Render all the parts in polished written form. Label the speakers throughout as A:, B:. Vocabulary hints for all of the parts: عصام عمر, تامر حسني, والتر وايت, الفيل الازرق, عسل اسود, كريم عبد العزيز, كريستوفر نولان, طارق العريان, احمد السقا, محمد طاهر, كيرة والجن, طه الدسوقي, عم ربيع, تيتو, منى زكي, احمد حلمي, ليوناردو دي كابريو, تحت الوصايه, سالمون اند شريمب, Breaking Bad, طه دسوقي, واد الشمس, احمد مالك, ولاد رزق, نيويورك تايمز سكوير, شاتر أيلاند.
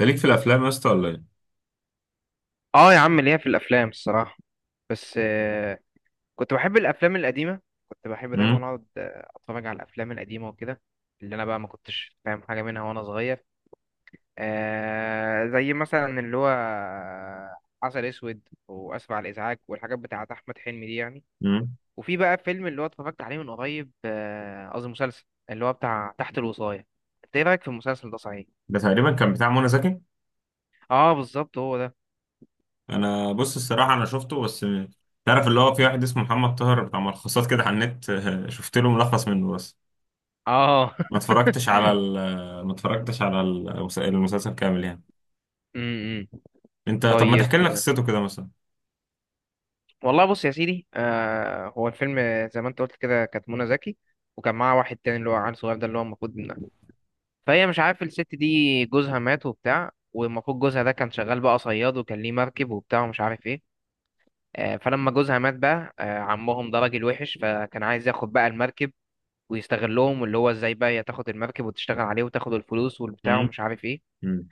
A: انت ليك في الافلام يا اسطى ولا ايه؟
B: اه، يا عم ليا في الافلام الصراحه. بس كنت بحب الافلام القديمه. كنت بحب دايما
A: امم.
B: اقعد اتفرج على الافلام القديمه وكده، اللي انا بقى ما كنتش فاهم حاجه منها وانا صغير. زي مثلا اللي هو عسل اسود واسف على الازعاج والحاجات بتاعه احمد حلمي دي يعني.
A: امم.
B: وفي بقى فيلم اللي هو اتفرجت عليه من قريب، قصدي مسلسل، اللي هو بتاع تحت الوصايه. انت ايه رايك في المسلسل ده صحيح؟
A: ده تقريبا كان بتاع منى زكي.
B: اه، بالظبط هو ده.
A: انا بص الصراحه انا شفته بس. تعرف اللي هو في واحد اسمه محمد طاهر بتاع ملخصات كده على النت. شفت له ملخص منه بس.
B: اه.
A: ما اتفرجتش على ال ما اتفرجتش على المسلسل كامل يعني.
B: م- م.
A: انت طب ما
B: طيب.
A: تحكي لنا قصته كده مثلا؟
B: والله بص يا سيدي، هو الفيلم زي ما انت قلت كده كانت منى زكي، وكان معاها واحد تاني اللي هو عيل صغير ده، اللي هو المفروض فهي، مش عارف، الست دي جوزها مات وبتاع، والمفروض جوزها ده كان شغال بقى صياد وكان ليه مركب وبتاع ومش عارف ايه. فلما جوزها مات بقى، عمهم ده راجل وحش، فكان عايز ياخد بقى المركب ويستغلهم، واللي هو ازاي بقى هي تاخد المركب وتشتغل عليه وتاخد الفلوس والبتاع
A: امم.
B: ومش عارف ايه.
A: امم.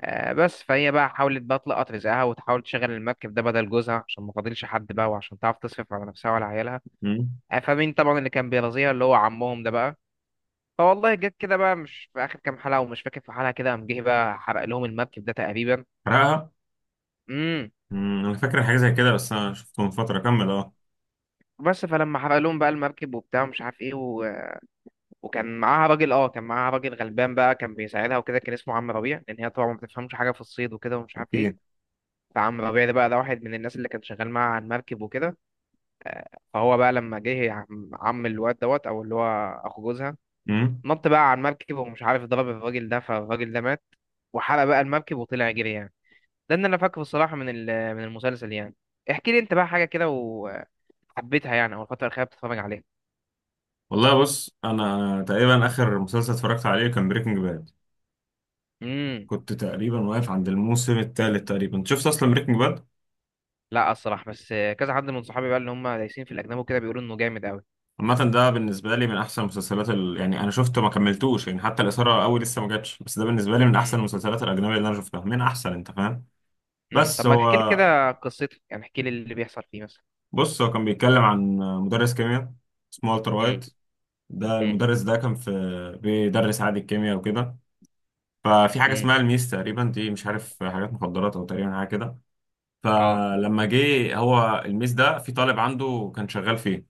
B: بس فهي بقى حاولت بقى تلقط رزقها وتحاول تشغل المركب ده بدل جوزها، عشان ما فاضلش حد بقى، وعشان تعرف تصرف على نفسها وعلى عيالها.
A: امم.
B: فمين طبعا اللي كان بيرازيها؟ اللي هو عمهم ده بقى. فوالله، جت كده بقى مش في اخر كام حلقه، ومش فاكر في حلقه كده قام جه بقى حرق لهم المركب ده تقريبا.
A: حرقها.
B: امم.
A: أمم، انا فاكر حاجه زي كده بس انا شفته من فتره كمل اه.
B: بس فلما حرق لهم بقى المركب وبتاع مش عارف ايه وكان معاها راجل، كان معاها راجل غلبان بقى كان بيساعدها وكده، كان اسمه عم ربيع، لان هي طبعا ما بتفهمش حاجه في الصيد وكده ومش عارف ايه.
A: اوكي.
B: فعم ربيع ده بقى، ده واحد من الناس اللي كان شغال معاها على المركب وكده. آه، فهو بقى لما جه عم الواد دوت، او اللي هو اخو جوزها،
A: امم.
B: نط بقى على المركب، ومش عارف ضرب الراجل ده، فالراجل ده مات، وحرق بقى المركب وطلع يجري يعني. ده اللي انا فاكره الصراحه من المسلسل يعني. احكي لي انت بقى حاجه كده وحبيتها يعني، او الفتره الاخيره بتتفرج عليها؟
A: والله بص انا تقريبا اخر مسلسل اتفرجت عليه كان بريكنج باد.
B: امم.
A: كنت تقريبا واقف عند الموسم الثالث تقريبا شفت اصلا بريكنج باد.
B: لا الصراحه، بس كذا حد من صحابي بقى اللي هم دايسين في الاجنبي وكده بيقولوا انه جامد قوي.
A: عامة ده بالنسبة لي من أحسن المسلسلات يعني أنا شفته ما كملتوش يعني، حتى الإثارة أوي لسه ما جاتش، بس ده بالنسبة لي من
B: امم.
A: أحسن المسلسلات الأجنبية اللي أنا شفتها، من أحسن، أنت فاهم؟
B: امم.
A: بس
B: طب ما تحكي لي
A: هو.
B: كده قصته يعني، احكي لي اللي بيحصل فيه مثلا.
A: بص هو كان بيتكلم عن مدرس كيمياء. اسمه والتر
B: امم.
A: وايت. ده
B: امم.
A: المدرس ده كان في، بيدرس عادي الكيمياء وكده. ففي حاجة
B: امم.
A: اسمها الميس تقريبا، دي مش عارف حاجات مخدرات أو تقريبا حاجة كده.
B: اه.
A: فلما جه هو الميس ده في طالب عنده كان شغال فيه.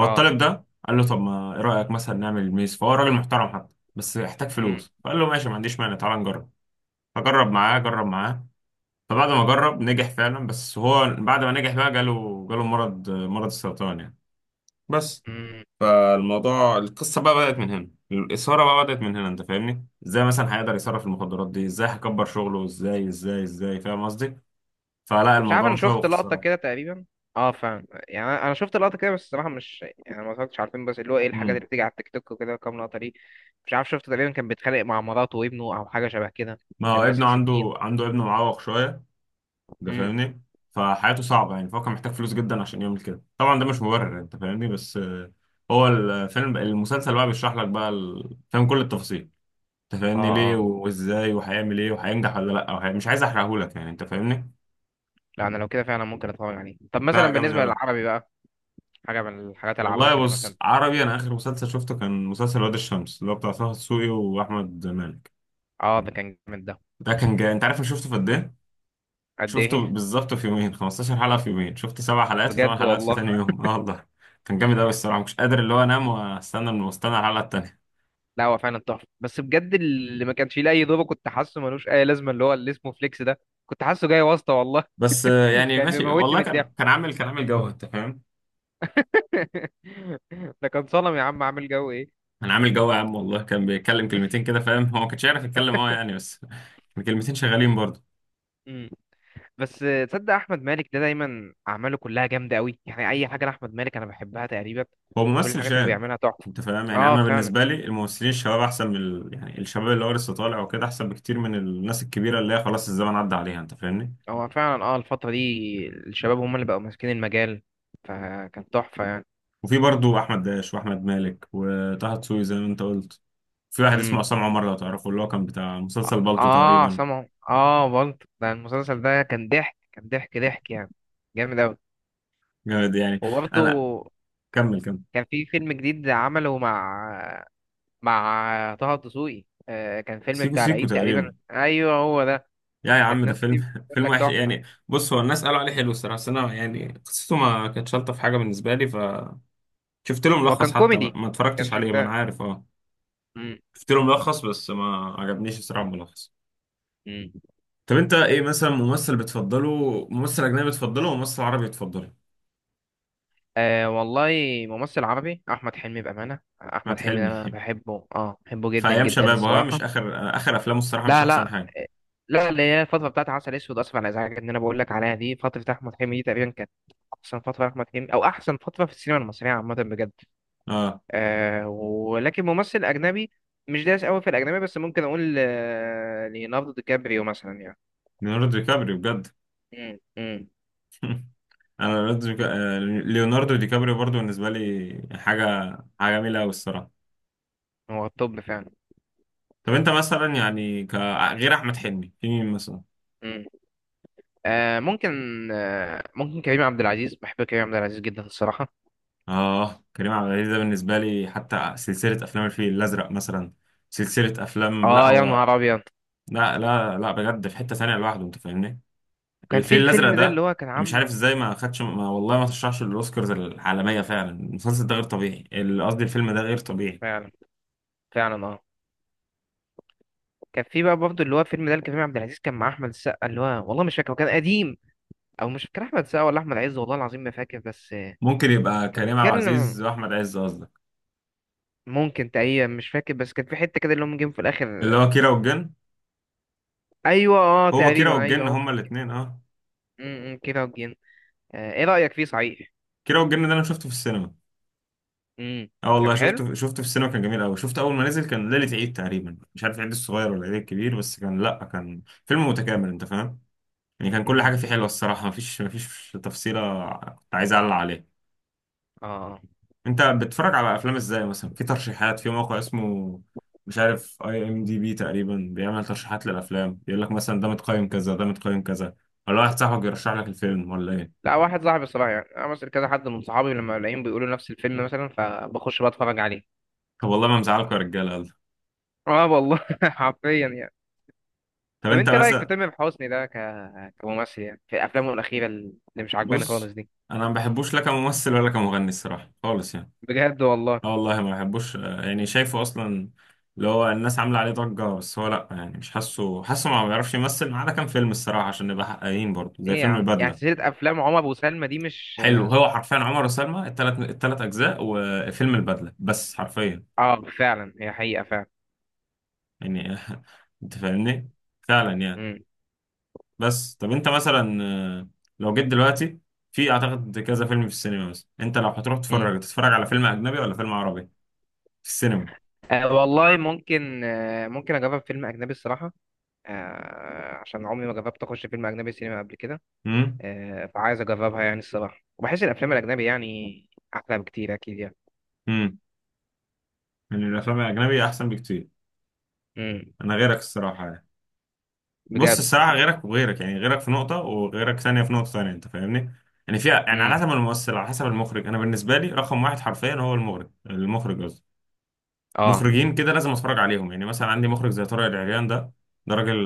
B: اه.
A: ده قال له: طب ما ايه رايك مثلا نعمل الميز؟ فهو راجل محترم حتى. بس يحتاج فلوس، فقال له: ماشي، ما عنديش مانع، تعال نجرب. فجرب معاه، جرب معاه. فبعد ما جرب نجح فعلا، بس هو بعد ما نجح بقى جاله مرض السرطان يعني. بس.
B: امم.
A: فالموضوع، القصه بقى بدات من هنا، الاثاره بقى بدات من هنا، انت فاهمني، ازاي مثلا هيقدر يصرف المخدرات دي، ازاي هيكبر شغله، ازاي ازاي ازاي، فاهم قصدي. فلا
B: مش عارف،
A: الموضوع
B: انا
A: مشوق
B: شفت لقطة
A: الصراحه.
B: كده تقريبا. اه فاهم يعني، انا شفت لقطة كده، بس الصراحة مش يعني، ما اتفرجتش على الفيلم، بس اللي هو ايه الحاجات
A: امم.
B: اللي بتيجي على التيك توك وكده كام لقطة دي. مش عارف، شفت تقريبا كان بيتخانق مع مراته وابنه او حاجة شبه كده.
A: ما هو
B: كان
A: ابنه
B: ماسك سكين.
A: عنده ابنه معوق شويه. ده
B: امم.
A: فاهمني. فحياته صعبة يعني، فهو كان محتاج فلوس جدا عشان يعمل كده، طبعا ده مش مبرر يعني، انت فاهمني، بس. هو الفيلم، المسلسل بقى بيشرح لك بقى فاهم كل التفاصيل. انت
B: اه.
A: فاهمني ليه
B: اه.
A: وازاي وهيعمل ايه وهينجح ولا لا، مش عايز احرقهولك يعني انت فاهمني.
B: لا انا لو كده فعلا ممكن اتفرج عليه. طب مثلا
A: لا جامد
B: بالنسبة
A: قوي.
B: للعربي بقى، حاجة من الحاجات العربي
A: والله
B: كده مثلا.
A: بص عربي، انا اخر مسلسل شفته كان مسلسل واد الشمس اللي هو بتاع طه دسوقي واحمد مالك.
B: اه، ده كان جامد ده.
A: ده كان جاي، انت عارف انا شفته في قد ايه؟
B: قد
A: شفته
B: ايه؟
A: بالظبط في يومين، 15 حلقة في يومين، شفت 7 حلقات وثمان
B: بجد
A: حلقات في
B: والله.
A: تاني يوم، اه والله. كان جامد قوي الصراحة، مش قادر اللي هو انام واستنى الحلقة التانية.
B: لا هو فعلا تحفة، بس بجد اللي ما كانش فيه لأي دور كنت حاسه ملوش أي لازمة، اللي هو اللي اسمه فليكس ده. كنت حاسه جاي واسطة والله.
A: بس يعني
B: كان
A: ماشي
B: بيموتني
A: والله،
B: من الضحك.
A: كان عامل جو، انت فاهم؟
B: ده كان صنم يا عم، عامل جو ايه.
A: كان عامل جو يا عم، والله كان بيتكلم كلمتين كده، فاهم، هو ما كانش يعرف يتكلم اه يعني بس. كان كلمتين شغالين برضه.
B: مم. بس تصدق احمد مالك ده دايما اعماله كلها جامده قوي يعني، اي حاجه لاحمد مالك انا بحبها تقريبا.
A: هو
B: كل
A: ممثل
B: الحاجات اللي
A: شاب.
B: بيعملها تحفه.
A: انت فاهم يعني،
B: اه
A: انا
B: فعلا.
A: بالنسبة لي الممثلين الشباب احسن من يعني الشباب اللي هو لسه طالع وكده احسن بكتير من الناس الكبيرة اللي هي خلاص الزمن عدى عليها، انت فاهمني.
B: هو فعلا الفتره دي الشباب هم اللي بقوا ماسكين المجال، فكان تحفه يعني.
A: وفي برضو احمد داش واحمد مالك وطه دسوقي زي ما انت قلت. في واحد اسمه
B: امم.
A: عصام عمر لو تعرفه، اللي هو كان بتاع مسلسل بالطو
B: اه
A: تقريبا.
B: سامعه، اه برضه، ده المسلسل ده كان ضحك، كان ضحك ضحك يعني، جامد قوي.
A: جامد يعني.
B: وبرضه
A: انا. كمل كمل.
B: كان في فيلم جديد عمله مع طه الدسوقي، كان فيلم
A: سيكو
B: بتاع
A: سيكو
B: العيد تقريبا،
A: تقريبا.
B: ايوه هو ده.
A: يا عم
B: كانت
A: ده
B: ناس كتير
A: فيلم
B: بتقول
A: فيلم
B: لك
A: وحش
B: تحفه.
A: يعني. بص هو الناس قالوا عليه حلو الصراحه، بس انا يعني قصته ما كانتش الطف حاجه بالنسبه لي، فشفت له
B: هو
A: ملخص
B: كان
A: حتى، ما
B: كوميدي،
A: ما
B: ما
A: اتفرجتش
B: كانش
A: عليه، ما انا
B: بتاع.
A: عارف اه.
B: مم.
A: شفت له ملخص بس ما عجبنيش الصراحه الملخص.
B: مم.
A: طب انت ايه مثلا ممثل بتفضله، ممثل اجنبي بتفضله، وممثل عربي بتفضله؟
B: والله، ممثل عربي احمد حلمي بامانه، احمد
A: احمد
B: حلمي ده
A: حلمي
B: انا بحبه، بحبه
A: في
B: جدا
A: ايام
B: جدا
A: شبابه ها، مش
B: الصراحه.
A: اخر افلامه الصراحه مش
B: لا،
A: احسن
B: لا،
A: حاجه.
B: لا، اللي هي الفتره بتاعت عسل اسود اسف على الازعاج ان انا بقول لك عليها دي، فتره احمد حلمي دي تقريبا كانت احسن فتره احمد حلمي، او احسن فتره في السينما المصريه عامه بجد.
A: اه
B: ولكن ممثل أجنبي، مش دايس قوي في الأجنبي، بس ممكن أقول ليوناردو دي كابريو مثلا يعني.
A: ليوناردو دي كابريو بجد.
B: مم. مم.
A: انا ليوناردو دي كابريو برضو بالنسبه لي حاجه. حاجه جميله قوي الصراحه.
B: هو الطب فعلا.
A: طب انت مثلا يعني غير احمد حلمي في مين مثلا؟
B: مم. ممكن، ممكن كريم عبد العزيز، بحب كريم عبد العزيز جدا الصراحة.
A: اه كريم عبد العزيز ده بالنسبه لي، حتى سلسله افلام الفيل الازرق مثلا. سلسله افلام، لا
B: اه يا
A: هو.
B: نهار أبيض.
A: لا لا لا، بجد في حته ثانيه لوحده انت فاهمني.
B: كان في
A: الفيل الازرق
B: الفيلم ده
A: ده.
B: اللي هو كان
A: أنا مش عارف
B: عامله،
A: ازاي ما خدش ما والله ما ترشحش للاوسكارز العالميه، فعلا المسلسل ده غير طبيعي، قصدي الفيلم ده غير طبيعي.
B: فعلا، فعلا اه. كان في بقى برضه اللي هو الفيلم ده اللي كريم عبد العزيز كان مع أحمد السقا، اللي هو والله مش فاكر هو كان قديم، أو مش فاكر أحمد السقا ولا أحمد عز، والله العظيم ما فاكر بس
A: ممكن يبقى
B: كان
A: كريم عبد
B: بيتكلم.
A: العزيز واحمد عز قصدك.
B: ممكن تقريبا، مش فاكر، بس كان في حته كده اللي هم جيم في
A: اللي
B: الاخر.
A: هو كيرة والجن.
B: ايوه، اه،
A: هو كيرة
B: تقريبا ايوه
A: والجن
B: هو.
A: هما الاثنين اه.
B: امم، إمم، كده وجين. آه، ايه رايك فيه صحيح؟
A: كيرة والجن ده انا شفته في السينما.
B: امم.
A: اه
B: كان
A: والله
B: حلو.
A: شفته في السينما، كان جميل قوي، شفته اول ما نزل، كان ليله عيد تقريبا، مش عارف العيد الصغير ولا العيد الكبير، بس كان لا كان فيلم متكامل انت فاهم. يعني كان كل
B: امم.
A: حاجه فيه حلوه الصراحه، مفيش تفصيله كنت عايز اعلق عليها.
B: اه، آه.
A: انت بتتفرج على افلام ازاي مثلا؟ في ترشيحات في موقع اسمه، مش عارف، اي ام دي بي تقريبا، بيعمل ترشيحات للافلام، يقول لك مثلا ده متقيم كذا، ده متقيم كذا. ولا واحد صاحبك يرشح لك الفيلم ولا ايه؟
B: لا واحد صاحبي الصراحه يعني، انا مثلا كذا حد من صحابي لما الاقيهم بيقولوا نفس الفيلم مثلا، فبخش بقى اتفرج عليه.
A: طب والله ما مزعلكوا يا رجاله يلا.
B: اه والله، حرفيا يعني.
A: طب
B: طب
A: انت
B: انت رايك في
A: مثلا.
B: تامر حسني ده، كممثل يعني، في افلامه الاخيره اللي مش عجباني خالص
A: بص
B: دي.
A: انا ما بحبوش لا كممثل ولا كمغني الصراحه خالص يعني.
B: بجد والله.
A: اه والله ما بحبوش يعني شايفه اصلا. اللي هو الناس عامله عليه ضجه، بس هو لا يعني مش حاسه ما بيعرفش يمثل، ما عدا كام فيلم الصراحه عشان نبقى حقانيين برضه، زي
B: ايه يا
A: فيلم
B: عم، يعني
A: البدله.
B: سلسله افلام عمر وسلمى دي مش.
A: حلو هو حرفيا عمر وسلمى، التلات اجزاء، وفيلم البدله بس حرفيا.
B: اه فعلا، هي حقيقه فعلا.
A: يعني انت فاهمني. فعلا يعني.
B: امم.
A: بس طب انت مثلا آه، لو جيت دلوقتي، في اعتقد كذا فيلم في السينما مثلا، انت لو هتروح تتفرج
B: إمم.
A: على فيلم اجنبي ولا فيلم عربي؟ في السينما.
B: أه والله، ممكن، أه ممكن اجرب فيلم اجنبي الصراحه. عشان عمري ما جربت اخش فيلم اجنبي سينما قبل كده.
A: امم.
B: فعايز اجربها يعني الصراحه، وبحس الافلام الاجنبي يعني احلى بكتير اكيد يعني.
A: امم. يعني الافلام الاجنبي احسن بكتير.
B: امم.
A: انا غيرك الصراحه يعني. بص
B: بجد.
A: الصراحة غيرك وغيرك، يعني غيرك في نقطة وغيرك ثانية في نقطة ثانية، أنت فاهمني؟ يعني فيها، يعني على
B: امم.
A: حسب الممثل، على حسب المخرج، أنا بالنسبة لي رقم واحد حرفيا هو المخرج، المخرج قصدي.
B: اه،
A: مخرجين كده لازم أتفرج عليهم، يعني مثلا عندي مخرج زي طارق العريان ده. ده راجل.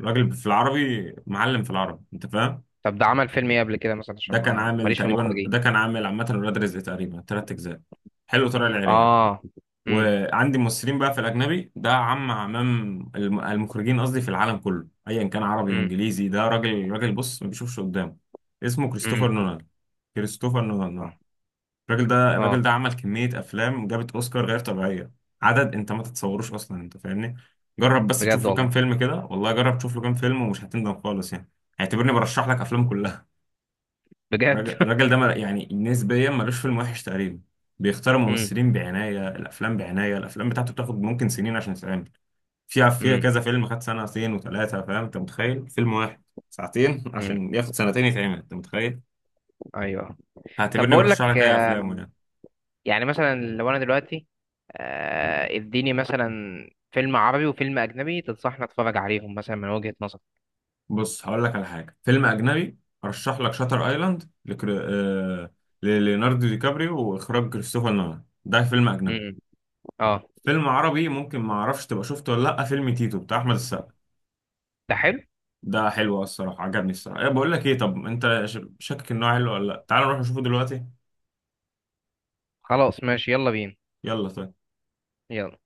A: راجل في العربي، معلم في العربي، أنت فاهم؟
B: طب ده عمل فيلم ايه قبل كده مثلا، عشان ما ماليش في المخرجين؟
A: ده كان عامل عامة ولاد رزق تقريبا تلات أجزاء. حلو طارق العريان.
B: اه. امم.
A: وعندي ممثلين بقى في الاجنبي، ده عمام. المخرجين قصدي في العالم كله، ايا كان عربي
B: امم.
A: وانجليزي، ده راجل راجل بص ما بيشوفش قدامه. اسمه
B: امم.
A: كريستوفر نولان. كريستوفر نولان
B: اه.
A: اه. الراجل ده الراجل
B: آه،
A: ده عمل كمية افلام جابت اوسكار غير طبيعية. عدد انت ما تتصوروش اصلا انت فاهمني. جرب بس
B: بجد
A: تشوف له كام
B: والله.
A: فيلم كده، والله جرب تشوف له كام فيلم ومش هتندم خالص يعني. اعتبرني برشح لك افلام كلها.
B: بجد.
A: الراجل ده يعني نسبيا ملوش فيلم وحش تقريبا. بيختار
B: امم.
A: ممثلين بعناية، الأفلام بعناية، الأفلام بتاعته بتاخد ممكن سنين عشان تتعمل. فيها
B: امم.
A: كذا فيلم خد سنتين وثلاثة، فاهم، أنت متخيل فيلم واحد ساعتين
B: امم.
A: عشان ياخد سنتين يتعمل، أنت متخيل.
B: ايوه. طب
A: هعتبرني
B: بقول
A: برشح
B: لك
A: لك أي أفلامه يعني.
B: يعني مثلا لو انا دلوقتي، اديني مثلا فيلم عربي وفيلم اجنبي تنصحني اتفرج عليهم مثلا من وجهة نظرك.
A: بص هقول لك على حاجة، فيلم أجنبي. أرشح لك شاتر أيلاند لليوناردو دي كابريو وإخراج كريستوفر نولان، ده فيلم أجنبي.
B: امم. اه.
A: فيلم عربي ممكن ما اعرفش تبقى شفته ولا لا، فيلم تيتو بتاع احمد السقا.
B: ده حلو.
A: ده حلو الصراحة عجبني الصراحة، إيه بقول لك ايه، طب انت شاكك انه حلو ولا لا؟ تعال نروح نشوفه دلوقتي.
B: خلاص ماشي، يلا بينا.
A: يلا طيب.
B: يلا.